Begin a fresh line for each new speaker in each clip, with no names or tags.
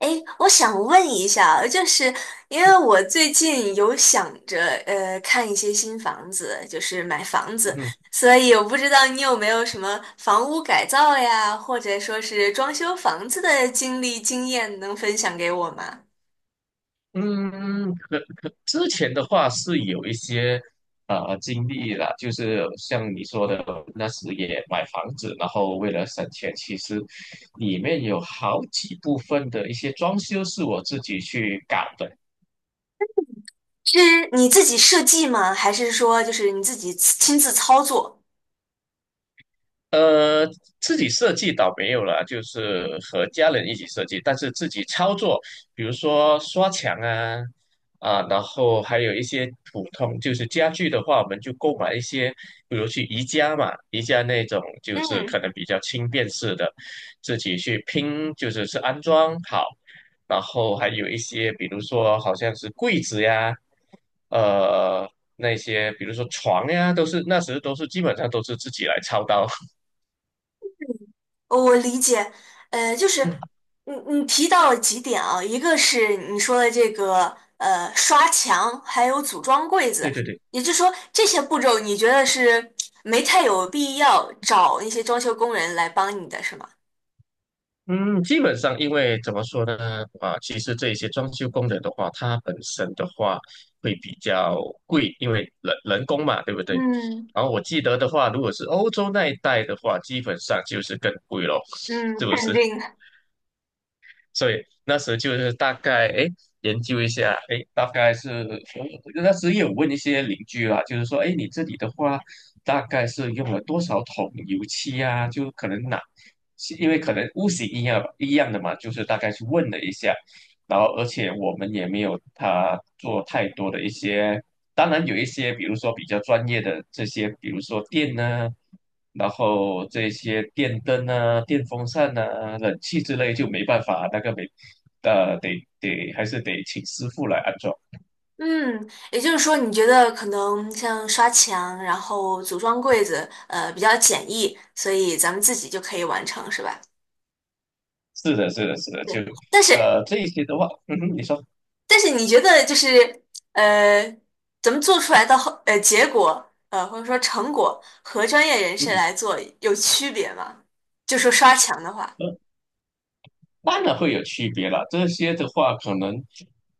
诶，我想问一下，就是因为我最近有想着看一些新房子，就是买房子，
嗯
所以我不知道你有没有什么房屋改造呀，或者说是装修房子的经历经验能分享给我吗？
嗯，可之前的话是有一些经历了，就是像你说的，那时也买房子，然后为了省钱，其实里面有好几部分的一些装修是我自己去搞的。
是你自己设计吗？还是说就是你自己亲自操作？
呃，自己设计倒没有了，就是和家人一起设计，但是自己操作，比如说刷墙啊，然后还有一些普通就是家具的话，我们就购买一些，比如去宜家嘛，宜家那种就是
嗯。
可能比较轻便式的，自己去拼，就是安装好，然后还有一些，比如说好像是柜子呀，呃，那些比如说床呀，都是那时都是基本上都是自己来操刀。
哦，我理解。就是你你提到了几点啊，一个是你说的这个刷墙，还有组装柜子，
对对对，
也就是说这些步骤你觉得是没太有必要找那些装修工人来帮你的是吗？
嗯，基本上因为怎么说呢，其实这一些装修工人的话，它本身的话会比较贵，因为人工嘛，对不对？
嗯。
然后我记得的话，如果是欧洲那一带的话，基本上就是更贵咯，
嗯，
是不
肯
是？
定。
所以那时候就是大概哎研究一下，哎大概是那时也有问一些邻居啦，就是说哎你这里的话大概是用了多少桶油漆啊？就可能哪，是因为可能屋型一样一样的嘛，就是大概去问了一下，然后而且我们也没有他做太多的一些，当然有一些，比如说比较专业的这些，比如说电呢、然后这些电灯啊、电风扇啊、冷气之类就没办法，那个没，得还是得请师傅来安装。
嗯，也就是说你觉得可能像刷墙，然后组装柜子，呃，比较简易，所以咱们自己就可以完成是吧？
是的，是的，是的，就
对，但是。
这一些的话，嗯哼，你说，
但是你觉得就是呃，咱们做出来的结果或者说成果和专业人士
嗯。
来做有区别吗？就说刷墙的话，
嗯当然会有区别了，这些的话，可能，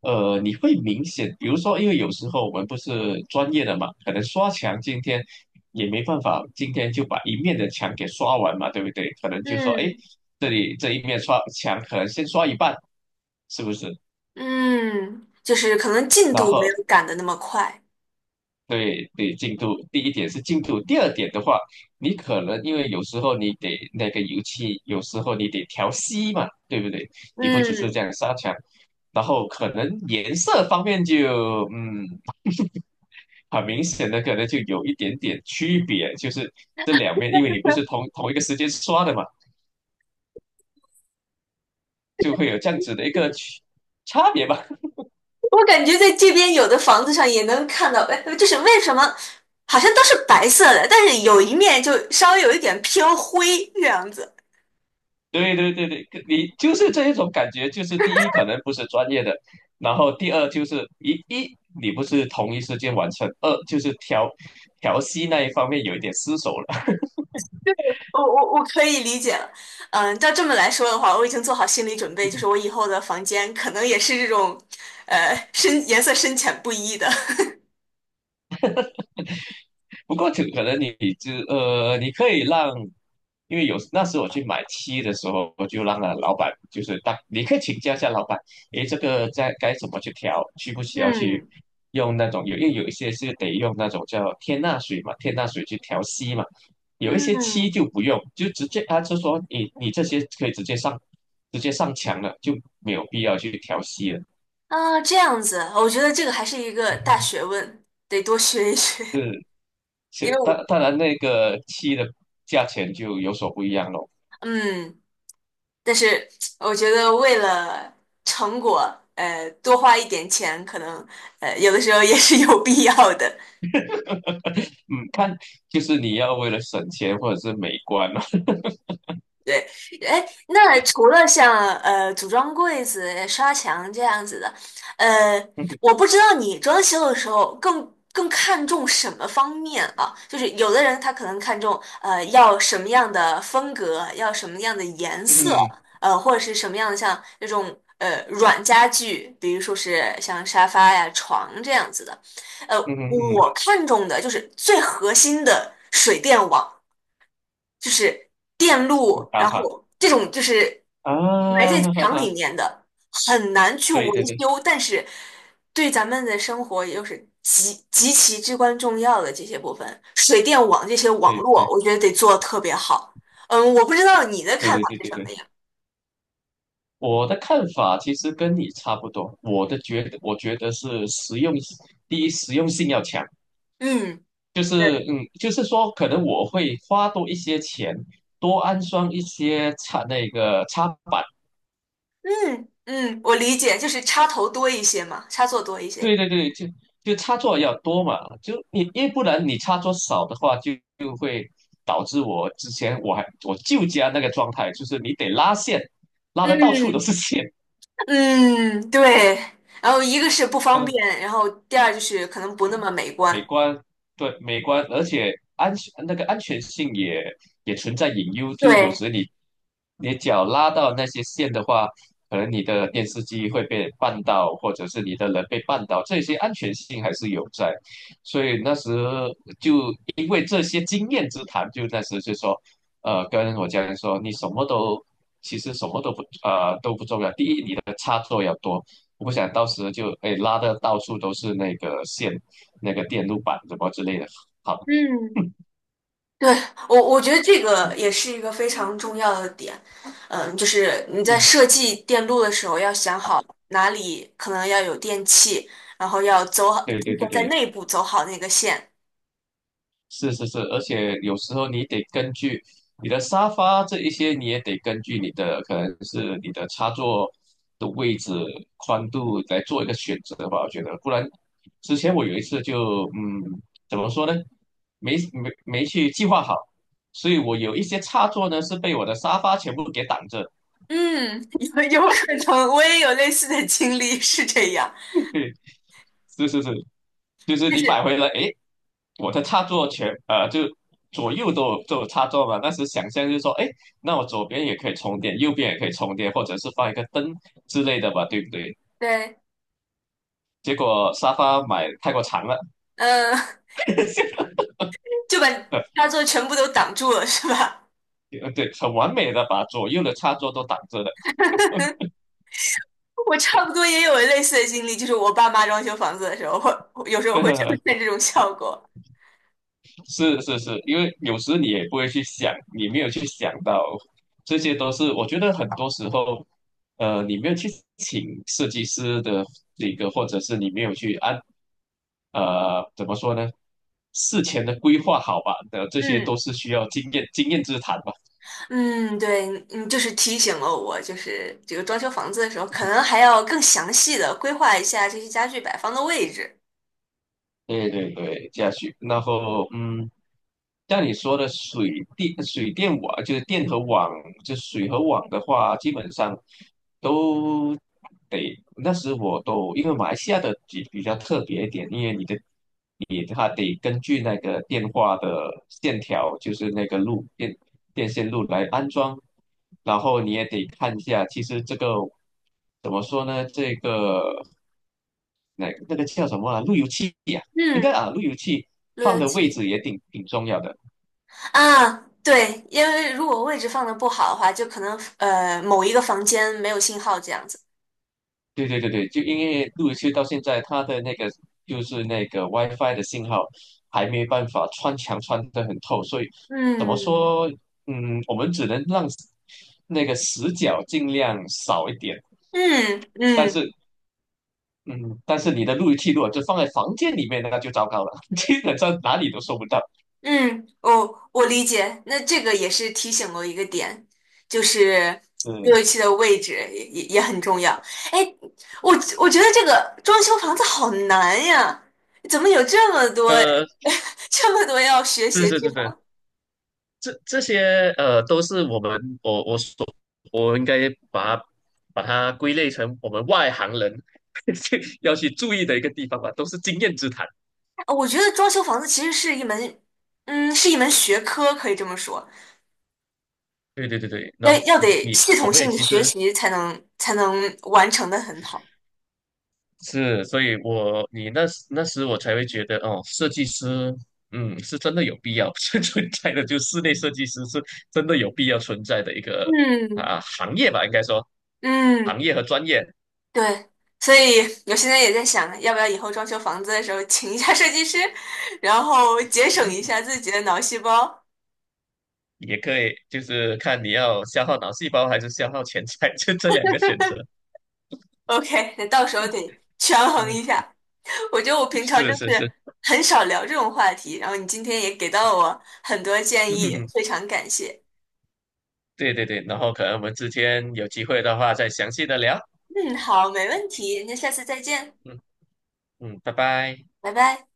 你会明显，比如说，因为有时候我们不是专业的嘛，可能刷墙今天也没办法，今天就把一面的墙给刷完嘛，对不对？可能就说，哎，
嗯。
这里这一面刷墙，可能先刷一半，是不是？
嗯，就是可能进
然
度没
后
有赶的那么快。
对对，进度第一点是进度，第二点的话，你可能因为有时候你得那个油漆，有时候你得调稀嘛，对不对？你不只是这
嗯，
样刷墙，然后可能颜色方面就很明显的可能就有一点点区别，就是这两面，因为你不是同一个时间刷的嘛，就会有这样子的一个区差别吧。
我感觉在这边有的房子上也能看到，就是为什么好像都是白色的，但是有一面就稍微有一点偏灰这样子。
对对对对，你就是这一种感觉，就是第一可能不是专业的，然后第二就是你不是同一时间完成，二就是调息那一方面有一点失手了。
我可以理解了。嗯，照这么来说的话，我已经做好心理准备，就是我 以后的房间可能也是这种，呃，深颜色深浅不一的。
不过就可能你就你可以让，因为有那时我去买漆的时候，我就让了老板，就是当你可以请教一下老板，诶，这个在该怎么去调，需不需要去
嗯。
用那种有，因为有一些是得用那种叫天钠水嘛，天钠水去调漆嘛，有一些漆
嗯，
就不用，就直接他就说你这些可以直接上墙了，就没有必要去调漆了。
啊，这样子，我觉得这个还是一个大
嗯，
学问，得多学一学。
是，
因为
是，
我，
当然那个漆的价钱就有所不一样咯。
嗯，但是我觉得为了成果，呃，多花一点钱，可能有的时候也是有必要的。
嗯，看就是你要为了省钱或者是美观了。
对，哎，那除了像组装柜子、刷墙这样子的，呃，
嗯
我不知道你装修的时候更看重什么方面啊？就是有的人他可能看重要什么样的风格，要什么样的颜色，
嗯
呃，或者是什么样的像那种软家具，比如说是像沙发呀、床这样子的。呃，
嗯嗯
我看重的就是最核心的水电网。就是电
嗯，
路，
啊
然
哈
后这种就是埋
啊，
在
哈哈
墙
哈，
里面的，很难去
对对
维
对
修，但是对咱们的生活也就是极其至关重要的这些部分，水电网这些网
对
络，
对
我觉得得做得特别好。嗯，我不知道你的
对
看
对
法
对
是
对
什么
对，
呀？
我的看法其实跟你差不多。我觉得是实用，第一实用性要强，
嗯，
就是
对。
就是说可能我会花多一些钱，多安装一些插那个插板。
嗯，嗯，我理解，就是插头多一些嘛，插座多一
对
些。
对对，就插座要多嘛，就你要不然你插座少的话，就会导致我之前我还我舅家那个状态，就是你得拉线，拉的到处都
嗯。
是线，
嗯，对。然后一个是不方
嗯。
便，然后第二就是可能不那么美
美
观。
观，对，美观，而且安全性也存在隐忧，就有
对，
时你脚拉到那些线的话，可能你的电视机会被绊倒，或者是你的人被绊倒，这些安全性还是有在。所以那时就因为这些经验之谈，就那时就说，跟我家人说，你什么都其实什么都不都不重要，第一你的插座要多。我不想到时就哎拉的到处都是那个线。那个电路板什么之类的。好，
嗯，对，我觉得这个也是一个非常重要的点。嗯，就是你在
嗯，
设计电路的时候要想好哪里可能要有电器，然后要走好，
对
提
对
前
对
在
对，
内部走好那个线。
是是是，而且有时候你得根据你的沙发这一些，你也得根据你的可能是你的插座的位置、宽度来做一个选择吧。我觉得，不然之前我有一次就怎么说呢？没去计划好，所以我有一些插座呢是被我的沙发全部给挡着。
嗯，有可能，我也有类似的经历，是这样，
是是是，就是
就
你
是
买回来，诶，我的插座全就左右都有插座嘛，那时想象就是说，哎，那我左边也可以充电，右边也可以充电，或者是放一个灯之类的吧，对不对？
对，
结果沙发买太过长了，
嗯，就把 插座全部都挡住了，是吧？
对，很完美的把左右的插座都挡着了。
我差不多也有类似的经历，就是我爸妈装修房子的时候，会有时候会出 现这种效果。
是是是，因为有时你也不会去想，你没有去想到，这些都是我觉得很多时候，你没有去请设计师的那个，或者是你没有去按，怎么说呢？事前的规划好吧，的这些都
嗯。
是需要经验之谈吧。
嗯，对，嗯，就是提醒了我，就是这个装修房子的时候，可能还要更详细的规划一下这些家具摆放的位置。
对对对，下去，然后像你说的水电网，就是电和网，就水和网的话，基本上都得。那时我都因为马来西亚的比较特别一点，因为你的你它得根据那个电话的线条，就是那个电线路来安装，然后你也得看一下，其实这个怎么说呢？这个。那个叫什么啊？路由器呀、应该
嗯，
啊，路由器
路
放
由
的位
器
置也挺重要的。
啊。对，因为如果位置放的不好的话，就可能某一个房间没有信号这样子。
对对对对，就因为路由器到现在它的那个就是那个 WiFi 的信号还没办法穿墙穿得很透，所以怎么
嗯。
说？嗯，我们只能让那个死角尽量少一点，
嗯。
但
嗯，
是。嗯，但是你的路由器如果就放在房间里面，那就糟糕了，基本上哪里都收不到。
嗯，哦，我理解。那这个也是提醒我一个点，就是
嗯，
热器的位置也也很重要。哎，我我觉得这个装修房子好难呀，怎么有这么多
呃，
这么多要学习
是
的
是
地
是是，
方？
这些都是我们我我所我应该把它归类成我们外行人 要去注意的一个地方吧，都是经验之谈。
我觉得装修房子其实是一门，嗯，是一门学科，可以这么说，
对对对对，
要
然后
要得系
我
统
们也
性的
其
学
实
习才能完成的很好。
是，所以那时我才会觉得哦，设计师是真的有必要 是存在的，就室内设计师是真的有必要存在的一个
嗯。
行业吧，应该说
嗯。
行业和专业。
对，所以我现在也在想，要不要以后装修房子的时候请一下设计师，然后节省一下自己的脑细胞。
也可以，就是看你要消耗脑细胞还是消耗钱财，就这两个选择。
OK，那到时候得权衡
嗯，
一下。我觉得我平常就
是是是，
是很少聊这种话题，然后你今天也给到了我很多建
嗯，嗯
议，
嗯
非常感谢。
对对对，然后可能我们之间有机会的话再详细的聊。
嗯，好，没问题，那下次再见，
嗯嗯，拜拜。
拜拜。